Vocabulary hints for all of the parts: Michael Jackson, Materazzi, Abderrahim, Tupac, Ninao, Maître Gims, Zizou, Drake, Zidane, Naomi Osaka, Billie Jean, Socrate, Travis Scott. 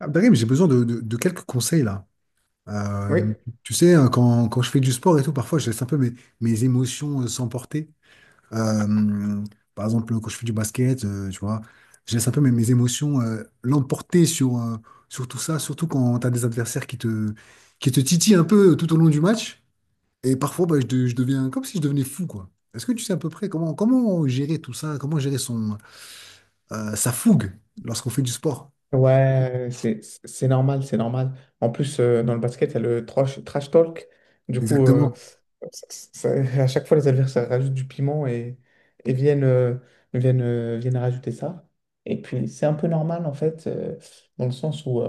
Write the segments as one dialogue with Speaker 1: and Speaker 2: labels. Speaker 1: Abderrahim, j'ai besoin de quelques conseils là.
Speaker 2: Oui,
Speaker 1: Euh, Tu sais, hein, quand je fais du sport et tout, parfois je laisse un peu mes, mes émotions s'emporter. Euh, Par exemple, quand je fais du basket, tu vois, je laisse un peu mes, mes émotions l'emporter sur sur tout ça, surtout quand tu as des adversaires qui te titillent un peu tout au long du match. Et parfois, bah, je deviens comme si je devenais fou, quoi. Est-ce que tu sais à peu près comment gérer tout ça, comment gérer son, sa fougue lorsqu'on fait du sport?
Speaker 2: ouais, c'est normal, c'est normal. En plus, dans le basket, il y a le trash talk. Du coup,
Speaker 1: Exactement.
Speaker 2: ça- ça- à chaque fois, les adversaires rajoutent du piment et viennent rajouter ça. Et puis, c'est un peu normal, en fait, dans le sens où,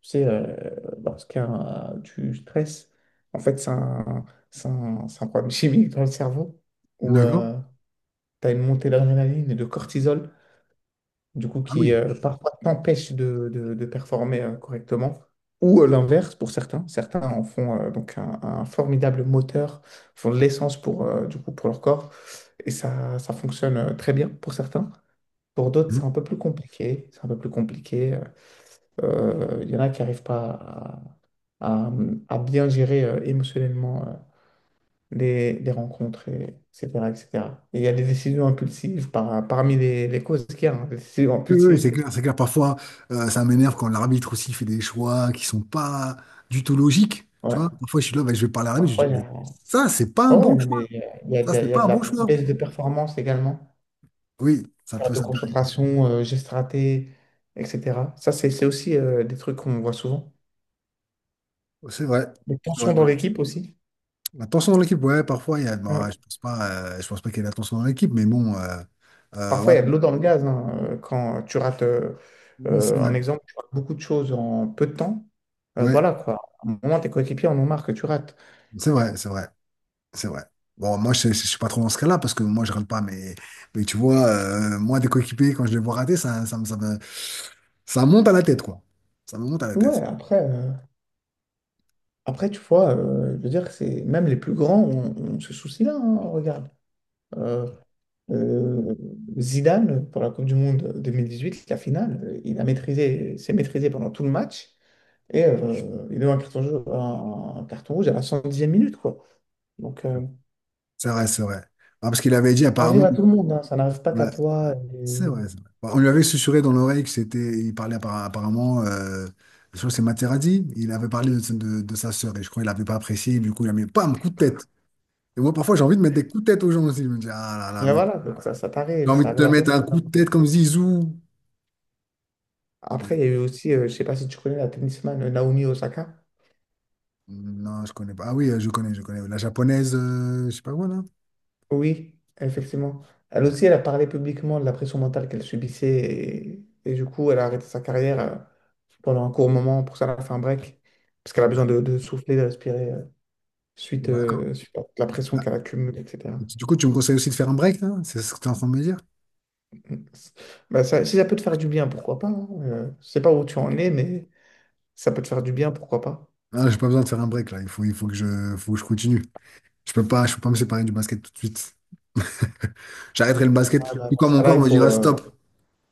Speaker 2: tu sais, lorsqu'il y a du stress, en fait, c'est un problème chimique dans le cerveau où
Speaker 1: D'accord?
Speaker 2: tu as une montée d'adrénaline et de cortisol. Du coup,
Speaker 1: Ah
Speaker 2: qui
Speaker 1: oui.
Speaker 2: parfois t'empêche de performer correctement, ou l'inverse pour certains. Certains en font donc un formidable moteur, font de l'essence pour, du coup, pour leur corps, et ça fonctionne très bien pour certains. Pour d'autres, c'est
Speaker 1: Mmh.
Speaker 2: un peu plus compliqué. C'est un peu plus compliqué. Il y en a qui n'arrivent pas à, à- à bien gérer émotionnellement les rencontres, etc., etc. Et il y a des décisions impulsives parmi les causes qu'il y a, hein, des décisions
Speaker 1: Oui, oui, c'est
Speaker 2: impulsives.
Speaker 1: clair, c'est clair. Parfois, ça m'énerve quand l'arbitre aussi fait des choix qui sont pas du tout logiques. Tu
Speaker 2: Ouais.
Speaker 1: vois, parfois, je suis là, ben, je vais parler à l'arbitre, je dis,
Speaker 2: Parfois,
Speaker 1: mais ça, c'est pas un
Speaker 2: ouais,
Speaker 1: bon
Speaker 2: ouais, non,
Speaker 1: choix.
Speaker 2: mais
Speaker 1: Ça,
Speaker 2: il
Speaker 1: c'est
Speaker 2: y a
Speaker 1: pas
Speaker 2: de
Speaker 1: un bon
Speaker 2: la
Speaker 1: choix.
Speaker 2: baisse de performance également,
Speaker 1: Oui, ça peut,
Speaker 2: perte de
Speaker 1: ça peut arriver.
Speaker 2: concentration, gestes ratés, etc. Ça, c'est aussi des trucs qu'on voit souvent.
Speaker 1: Oh, c'est vrai.
Speaker 2: Des
Speaker 1: C'est vrai.
Speaker 2: tensions
Speaker 1: Ben,
Speaker 2: dans l'équipe aussi.
Speaker 1: la tension dans l'équipe, ouais, parfois, il y a,
Speaker 2: Euh,
Speaker 1: ben, je pense pas qu'il y ait de la tension dans l'équipe, mais bon,
Speaker 2: Parfois,
Speaker 1: ouais,
Speaker 2: il y a de l'eau dans le gaz, hein. Quand tu rates,
Speaker 1: c'est vrai.
Speaker 2: un exemple, tu rates beaucoup de choses en peu de temps.
Speaker 1: Ouais,
Speaker 2: Voilà quoi. À un moment, tes coéquipiers en ont marre que tu rates.
Speaker 1: c'est vrai, c'est vrai. C'est vrai. Bon, moi, je ne suis pas trop dans ce cas-là parce que moi, je râle pas. Mais tu vois, moi, des coéquipiers, quand je les vois rater, ça monte à la tête, quoi. Ça me monte à la
Speaker 2: Ouais,
Speaker 1: tête.
Speaker 2: après tu vois, je veux dire, c'est même les plus grands ont ce souci-là, hein. Regarde. Euh, Euh, Zidane, pour la Coupe du Monde 2018, la finale, il a maîtrisé, s'est maîtrisé pendant tout le match et il a eu un carton rouge à la 110e minute, quoi. Donc,
Speaker 1: C'est vrai, c'est vrai. Ah, parce qu'il avait dit
Speaker 2: ça arrive
Speaker 1: apparemment.
Speaker 2: à tout le monde, hein, ça n'arrive pas
Speaker 1: Ouais,
Speaker 2: qu'à toi.
Speaker 1: c'est
Speaker 2: Et,
Speaker 1: vrai, c'est vrai. Bon, on lui avait susurré dans l'oreille que c'était. Il parlait apparemment. Je crois que c'est Materazzi. Il avait parlé de sa sœur et je crois qu'il n'avait pas apprécié. Du coup, il a mis pam, coup de tête. Et moi, parfois, j'ai envie de mettre des coups de tête aux gens aussi. Je me dis, ah là là,
Speaker 2: et
Speaker 1: mais
Speaker 2: voilà, donc ça
Speaker 1: j'ai
Speaker 2: t'arrive,
Speaker 1: envie
Speaker 2: ça
Speaker 1: de te
Speaker 2: arrive à tout le
Speaker 1: mettre un coup de tête
Speaker 2: monde.
Speaker 1: comme Zizou. Mais,
Speaker 2: Après, il y a eu aussi, je sais pas si tu connais la tennisman Naomi Osaka.
Speaker 1: non, je connais pas. Ah oui, je connais, je connais. La japonaise, je sais pas quoi, là.
Speaker 2: Oui, effectivement. Elle
Speaker 1: Ouais.
Speaker 2: aussi, elle a parlé publiquement de la pression mentale qu'elle subissait et du coup, elle a arrêté sa carrière pendant un court moment. Pour ça, elle a fait un break parce qu'elle a
Speaker 1: Bah,
Speaker 2: besoin de souffler, de respirer
Speaker 1: d'accord.
Speaker 2: suite à la pression
Speaker 1: Ah,
Speaker 2: qu'elle accumule, etc.
Speaker 1: du coup, tu me conseilles aussi de faire un break, là? C'est ce que tu es en train de me dire?
Speaker 2: Bah, si ça peut te faire du bien, pourquoi pas, hein. Je sais pas où tu en es, mais ça peut te faire du bien, pourquoi pas.
Speaker 1: Ah, j'ai pas besoin de faire un break, là. Il faut que je continue. Je peux pas me séparer du basket tout de suite. J'arrêterai le basket.
Speaker 2: Ah, bah,
Speaker 1: Tout
Speaker 2: dans
Speaker 1: quand
Speaker 2: ce
Speaker 1: mon
Speaker 2: cas-là,
Speaker 1: corps me dira stop.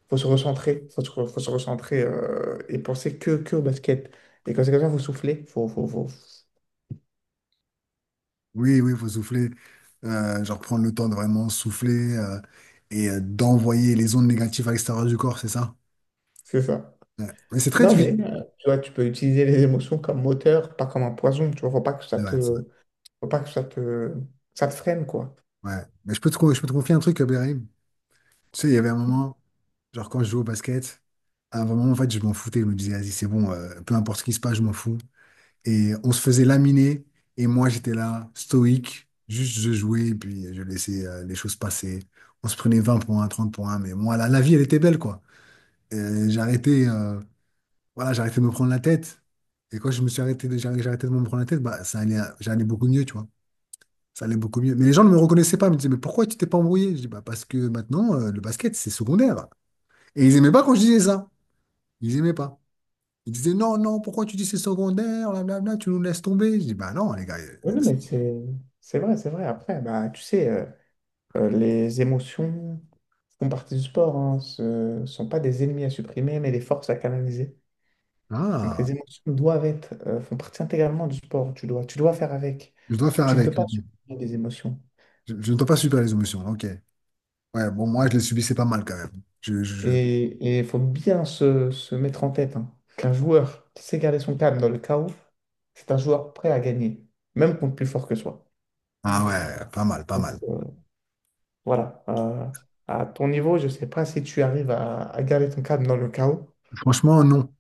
Speaker 2: faut se recentrer, faut se recentrer et penser que au basket. Et quand c'est comme ça, il faut souffler,
Speaker 1: Oui, oui, il faut souffler. Genre prendre le temps de vraiment souffler et d'envoyer les ondes négatives à l'extérieur du corps, c'est ça?
Speaker 2: c'est ça.
Speaker 1: Ouais. Mais c'est très
Speaker 2: Non,
Speaker 1: difficile.
Speaker 2: mais tu vois, tu peux utiliser les émotions comme moteur, pas comme un poison. Tu vois,
Speaker 1: Ouais,
Speaker 2: faut pas que ça te freine, quoi.
Speaker 1: ouais, mais je peux te confier un truc, Abderrahim. Tu sais, il y avait un moment, genre quand je jouais au basket, à un moment, en fait, je m'en foutais. Je me disais, vas-y, c'est bon, peu importe ce qui se passe, je m'en fous. Et on se faisait laminer, et moi, j'étais là, stoïque, juste je jouais, et puis je laissais les choses passer. On se prenait 20 points, 30 points, mais moi, la vie, elle était belle, quoi. Euh, J'arrêtais, euh, voilà, j'arrêtais de me prendre la tête. Et quand je me suis arrêté de me prendre la tête, bah, ça allait, j'allais beaucoup mieux, tu vois. Ça allait beaucoup mieux. Mais les gens ne me reconnaissaient pas. Ils me disaient, mais pourquoi tu t'es pas embrouillé? Je dis, bah, parce que maintenant, le basket, c'est secondaire. Et ils aimaient pas quand je disais ça. Ils aimaient pas. Ils disaient, non, non, pourquoi tu dis c'est secondaire, blablabla, tu nous laisses tomber. Je dis, bah non, les gars.
Speaker 2: Oui, non, mais c'est vrai, c'est vrai. Après, bah, tu sais, les émotions font partie du sport, hein. Ce ne sont pas des ennemis à supprimer, mais des forces à canaliser. Donc
Speaker 1: Ah,
Speaker 2: les émotions font partie intégralement du sport. Tu dois faire avec.
Speaker 1: je dois faire
Speaker 2: Tu ne peux
Speaker 1: avec.
Speaker 2: pas
Speaker 1: Ok.
Speaker 2: supprimer des émotions.
Speaker 1: Je ne dois pas subir les émotions. Ok. Ouais, bon, moi, je les subissais pas mal quand même. Je, je- je-
Speaker 2: Et il faut bien se mettre en tête, hein, qu'un joueur qui sait garder son calme dans le chaos, c'est un joueur prêt à gagner, même contre plus fort que soi.
Speaker 1: Ah ouais, pas mal, pas
Speaker 2: Donc
Speaker 1: mal.
Speaker 2: voilà. À ton niveau, je ne sais pas si tu arrives à garder ton calme dans le chaos.
Speaker 1: Franchement, non.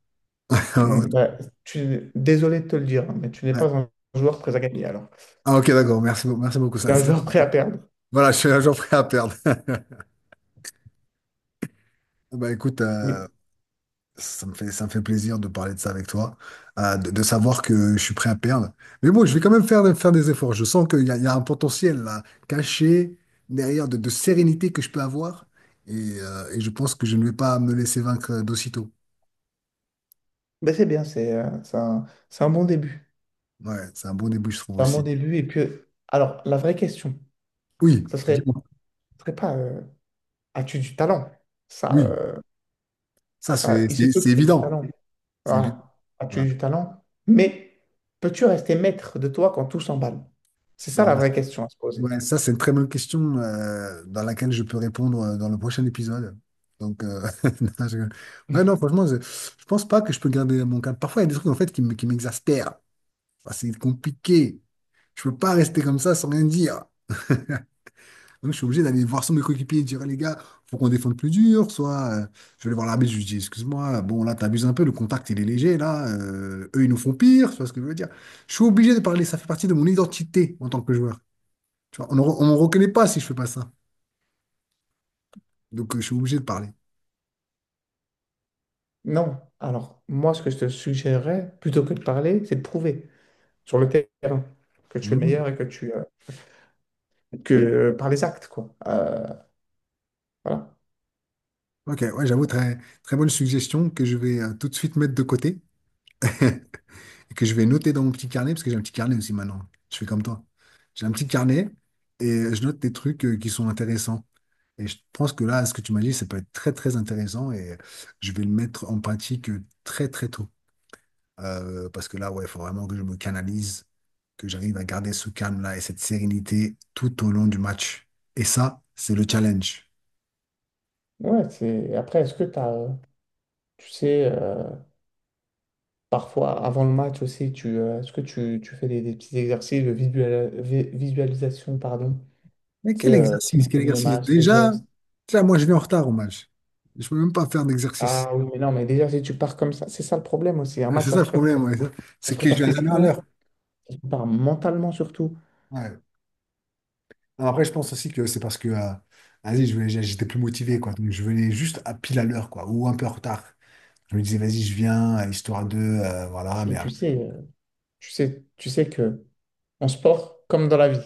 Speaker 2: Bah, désolé de te le dire, hein, mais tu n'es pas un joueur prêt à gagner alors.
Speaker 1: Ah, ok, d'accord. Merci beaucoup.
Speaker 2: Tu es un joueur prêt à perdre.
Speaker 1: Voilà, je suis un jour prêt à perdre. Bah écoute,
Speaker 2: Oui,
Speaker 1: ça me fait plaisir de parler de ça avec toi, de savoir que je suis prêt à perdre. Mais bon, je vais quand même faire des efforts. Je sens qu'il y a un potentiel là, caché derrière de sérénité que je peux avoir. Et, et je pense que je ne vais pas me laisser vaincre d'aussitôt.
Speaker 2: mais c'est bien, c'est un bon début.
Speaker 1: Ouais, c'est un bon début, je trouve
Speaker 2: Clairement au
Speaker 1: aussi.
Speaker 2: début. Et puis, alors, la vraie question,
Speaker 1: Oui,
Speaker 2: ça serait,
Speaker 1: dis-moi.
Speaker 2: ça serait pas as-tu du talent? Ça,
Speaker 1: Oui,
Speaker 2: euh,
Speaker 1: ça
Speaker 2: Ça, il se peut
Speaker 1: c'est
Speaker 2: que tu aies du
Speaker 1: évident.
Speaker 2: talent.
Speaker 1: C'est évident.
Speaker 2: Voilà.
Speaker 1: Ouais.
Speaker 2: As-tu du talent? Mais peux-tu rester maître de toi quand tout s'emballe? C'est ça la
Speaker 1: Bah,
Speaker 2: vraie question à se poser.
Speaker 1: ouais, ça, c'est une très bonne question dans laquelle je peux répondre dans le prochain épisode. Donc, non, je rigole. Ouais, non, franchement, je pense pas que je peux garder mon calme. Parfois, il y a des trucs en fait qui m'exaspèrent. Enfin, c'est compliqué. Je peux pas rester comme ça sans rien dire. Donc, je suis obligé d'aller voir sur mes coéquipiers et dire, "Hey, les gars, faut qu'on défende plus dur. Soit, je vais aller voir l'arbitre, je lui dis, excuse-moi, bon, là, t'abuses un peu, le contact, il est léger, là. Eux, ils nous font pire. Tu vois ce que je veux dire? Je suis obligé de parler, ça fait partie de mon identité en tant que joueur. Tu vois, on me reconnaît pas si je fais pas ça. Donc, je suis obligé de parler.
Speaker 2: Non. Alors, moi, ce que je te suggérerais, plutôt que de parler, c'est de prouver sur le terrain que tu es le
Speaker 1: Hmm.
Speaker 2: meilleur et que tu. Que par les actes, quoi. Voilà.
Speaker 1: Ok, ouais, j'avoue, très, très bonne suggestion que je vais tout de suite mettre de côté et que je vais noter dans mon petit carnet, parce que j'ai un petit carnet aussi maintenant. Je fais comme toi. J'ai un petit carnet et je note des trucs qui sont intéressants. Et je pense que là, ce que tu m'as dit, ça peut être très, très intéressant et je vais le mettre en pratique très, très tôt. Parce que là, ouais, il faut vraiment que je me canalise, que j'arrive à garder ce calme-là et cette sérénité tout au long du match. Et ça, c'est le challenge.
Speaker 2: Ouais, Après, tu sais, parfois avant le match aussi, est-ce que tu fais des petits exercices de visualisation, pardon?
Speaker 1: Mais
Speaker 2: Tu sais,
Speaker 1: quel exercice, quel
Speaker 2: t'imagines le
Speaker 1: exercice.
Speaker 2: match, les
Speaker 1: Déjà,
Speaker 2: gestes.
Speaker 1: tu sais, moi je viens en retard au match. Je peux même pas faire d'exercice.
Speaker 2: Ah oui, mais non, mais déjà, si tu pars comme ça, c'est ça le problème aussi. Un
Speaker 1: Ouais,
Speaker 2: match,
Speaker 1: c'est
Speaker 2: ça
Speaker 1: ça
Speaker 2: se
Speaker 1: le
Speaker 2: prépare.
Speaker 1: problème, ouais.
Speaker 2: Ça se
Speaker 1: C'est que je
Speaker 2: prépare
Speaker 1: viens jamais à
Speaker 2: physiquement.
Speaker 1: l'heure.
Speaker 2: Qui te mentalement surtout.
Speaker 1: Ouais. Alors, après, je pense aussi que c'est parce que vas-y, j'étais plus motivé, quoi. Donc je venais juste à pile à l'heure, quoi, ou un peu en retard. Je me disais, vas-y, je viens, histoire de, voilà, mais
Speaker 2: Et
Speaker 1: après.
Speaker 2: tu sais que en sport, comme dans la vie.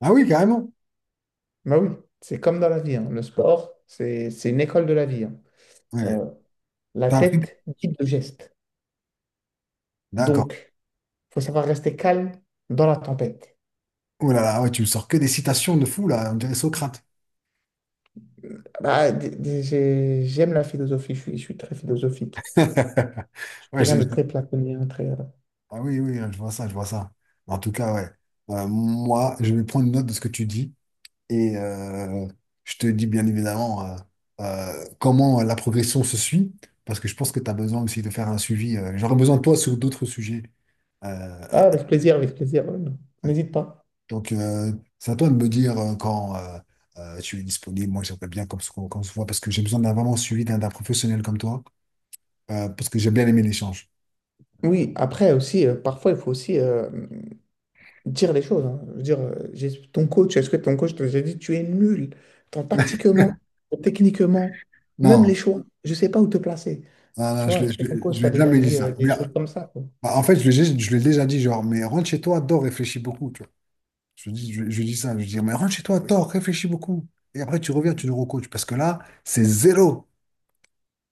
Speaker 1: Ah oui, carrément.
Speaker 2: Bah oui, c'est comme dans la vie, hein. Le sport, c'est une école de la vie, hein.
Speaker 1: Ouais.
Speaker 2: Euh, la
Speaker 1: T'as appris.
Speaker 2: tête guide le geste.
Speaker 1: D'accord.
Speaker 2: Donc, faut savoir rester calme dans la tempête.
Speaker 1: Oh là là, ouais, tu me sors que des citations de fou, là, on dirait Socrate.
Speaker 2: Bah, j'aime la philosophie, je suis très philosophique. Je suis
Speaker 1: Ouais,
Speaker 2: quelqu'un
Speaker 1: j'ai-
Speaker 2: de très platonien.
Speaker 1: Ah oui, oui, je vois ça, je vois ça. En tout cas, ouais. Moi, je vais prendre note de ce que tu dis et je te dis bien évidemment comment la progression se suit, parce que je pense que tu as besoin aussi de faire un suivi. J'aurais besoin de toi sur d'autres sujets. Euh,
Speaker 2: Ah, avec plaisir, non.
Speaker 1: euh,
Speaker 2: N'hésite pas.
Speaker 1: donc, euh, c'est à toi de me dire quand tu es disponible. Moi, j'aimerais bien qu'on se voit parce que j'ai besoin d'un vraiment suivi d'un professionnel comme toi, parce que j'ai bien aimé l'échange.
Speaker 2: Oui, après aussi, parfois, il faut aussi dire les choses, hein. Je veux dire, est-ce que ton coach te déjà dit, tu es nul, tant tactiquement, tant techniquement, même les
Speaker 1: Non,
Speaker 2: choix, je ne sais pas où te placer.
Speaker 1: non,
Speaker 2: Tu
Speaker 1: non, je
Speaker 2: vois,
Speaker 1: ne l'ai
Speaker 2: est-ce
Speaker 1: je
Speaker 2: que ton
Speaker 1: l'ai-
Speaker 2: coach
Speaker 1: je
Speaker 2: t'a
Speaker 1: l'ai
Speaker 2: déjà
Speaker 1: jamais dit
Speaker 2: dit
Speaker 1: ça.
Speaker 2: des choses comme ça, quoi?
Speaker 1: Bah, en fait, je lui ai déjà dit, genre, mais rentre chez toi, dors, réfléchis beaucoup, tu vois. Je lui dis, je lui dis ça, je lui dis, mais rentre chez toi, dors, réfléchis beaucoup. Et après, tu reviens, tu nous recoaches, parce que là, c'est zéro.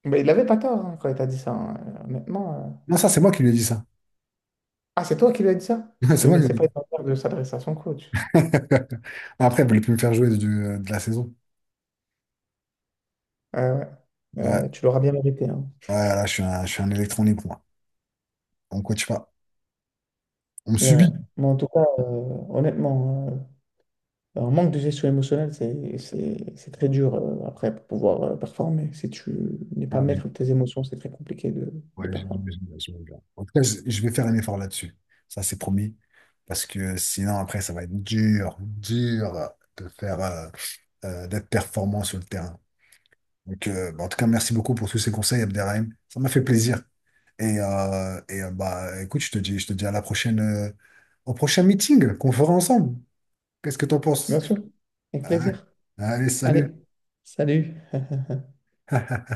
Speaker 2: Mais il n'avait pas tort, hein, quand il t'a dit ça, hein. Honnêtement.
Speaker 1: Non, ça, c'est moi qui lui ai dit ça.
Speaker 2: Ah, c'est toi qui lui as dit ça?
Speaker 1: C'est
Speaker 2: Oui,
Speaker 1: moi
Speaker 2: mais
Speaker 1: qui
Speaker 2: c'est
Speaker 1: lui ai
Speaker 2: pas
Speaker 1: dit.
Speaker 2: une manière de s'adresser à son coach.
Speaker 1: Après, elle voulait plus me faire jouer de la saison.
Speaker 2: Ah ouais.
Speaker 1: Ouais, ouais,
Speaker 2: Tu l'auras bien mérité, hein.
Speaker 1: là, je suis un électron libre, moi. On ne coach pas. On me
Speaker 2: Et ouais.
Speaker 1: subit.
Speaker 2: Mais en tout cas, honnêtement, hein, un manque de gestion émotionnelle, c'est très dur après pour pouvoir performer. Si tu n'es
Speaker 1: Ouais,
Speaker 2: pas
Speaker 1: j'ai-
Speaker 2: maître de tes émotions, c'est très compliqué de, de performer.
Speaker 1: J'imagine bien, j'imagine bien. En tout cas, je vais faire un effort là-dessus. Ça, c'est promis. Parce que sinon, après, ça va être dur, dur de faire. D'être performant sur le terrain. Donc, bah, en tout cas, merci beaucoup pour tous ces conseils, Abderrahim. Ça m'a fait plaisir. Et, et bah, écoute, je te dis à la prochaine, au prochain meeting qu'on fera ensemble. Qu'est-ce que t'en penses?
Speaker 2: Bien sûr, avec
Speaker 1: Ah,
Speaker 2: plaisir.
Speaker 1: allez,
Speaker 2: Allez,
Speaker 1: salut.
Speaker 2: salut.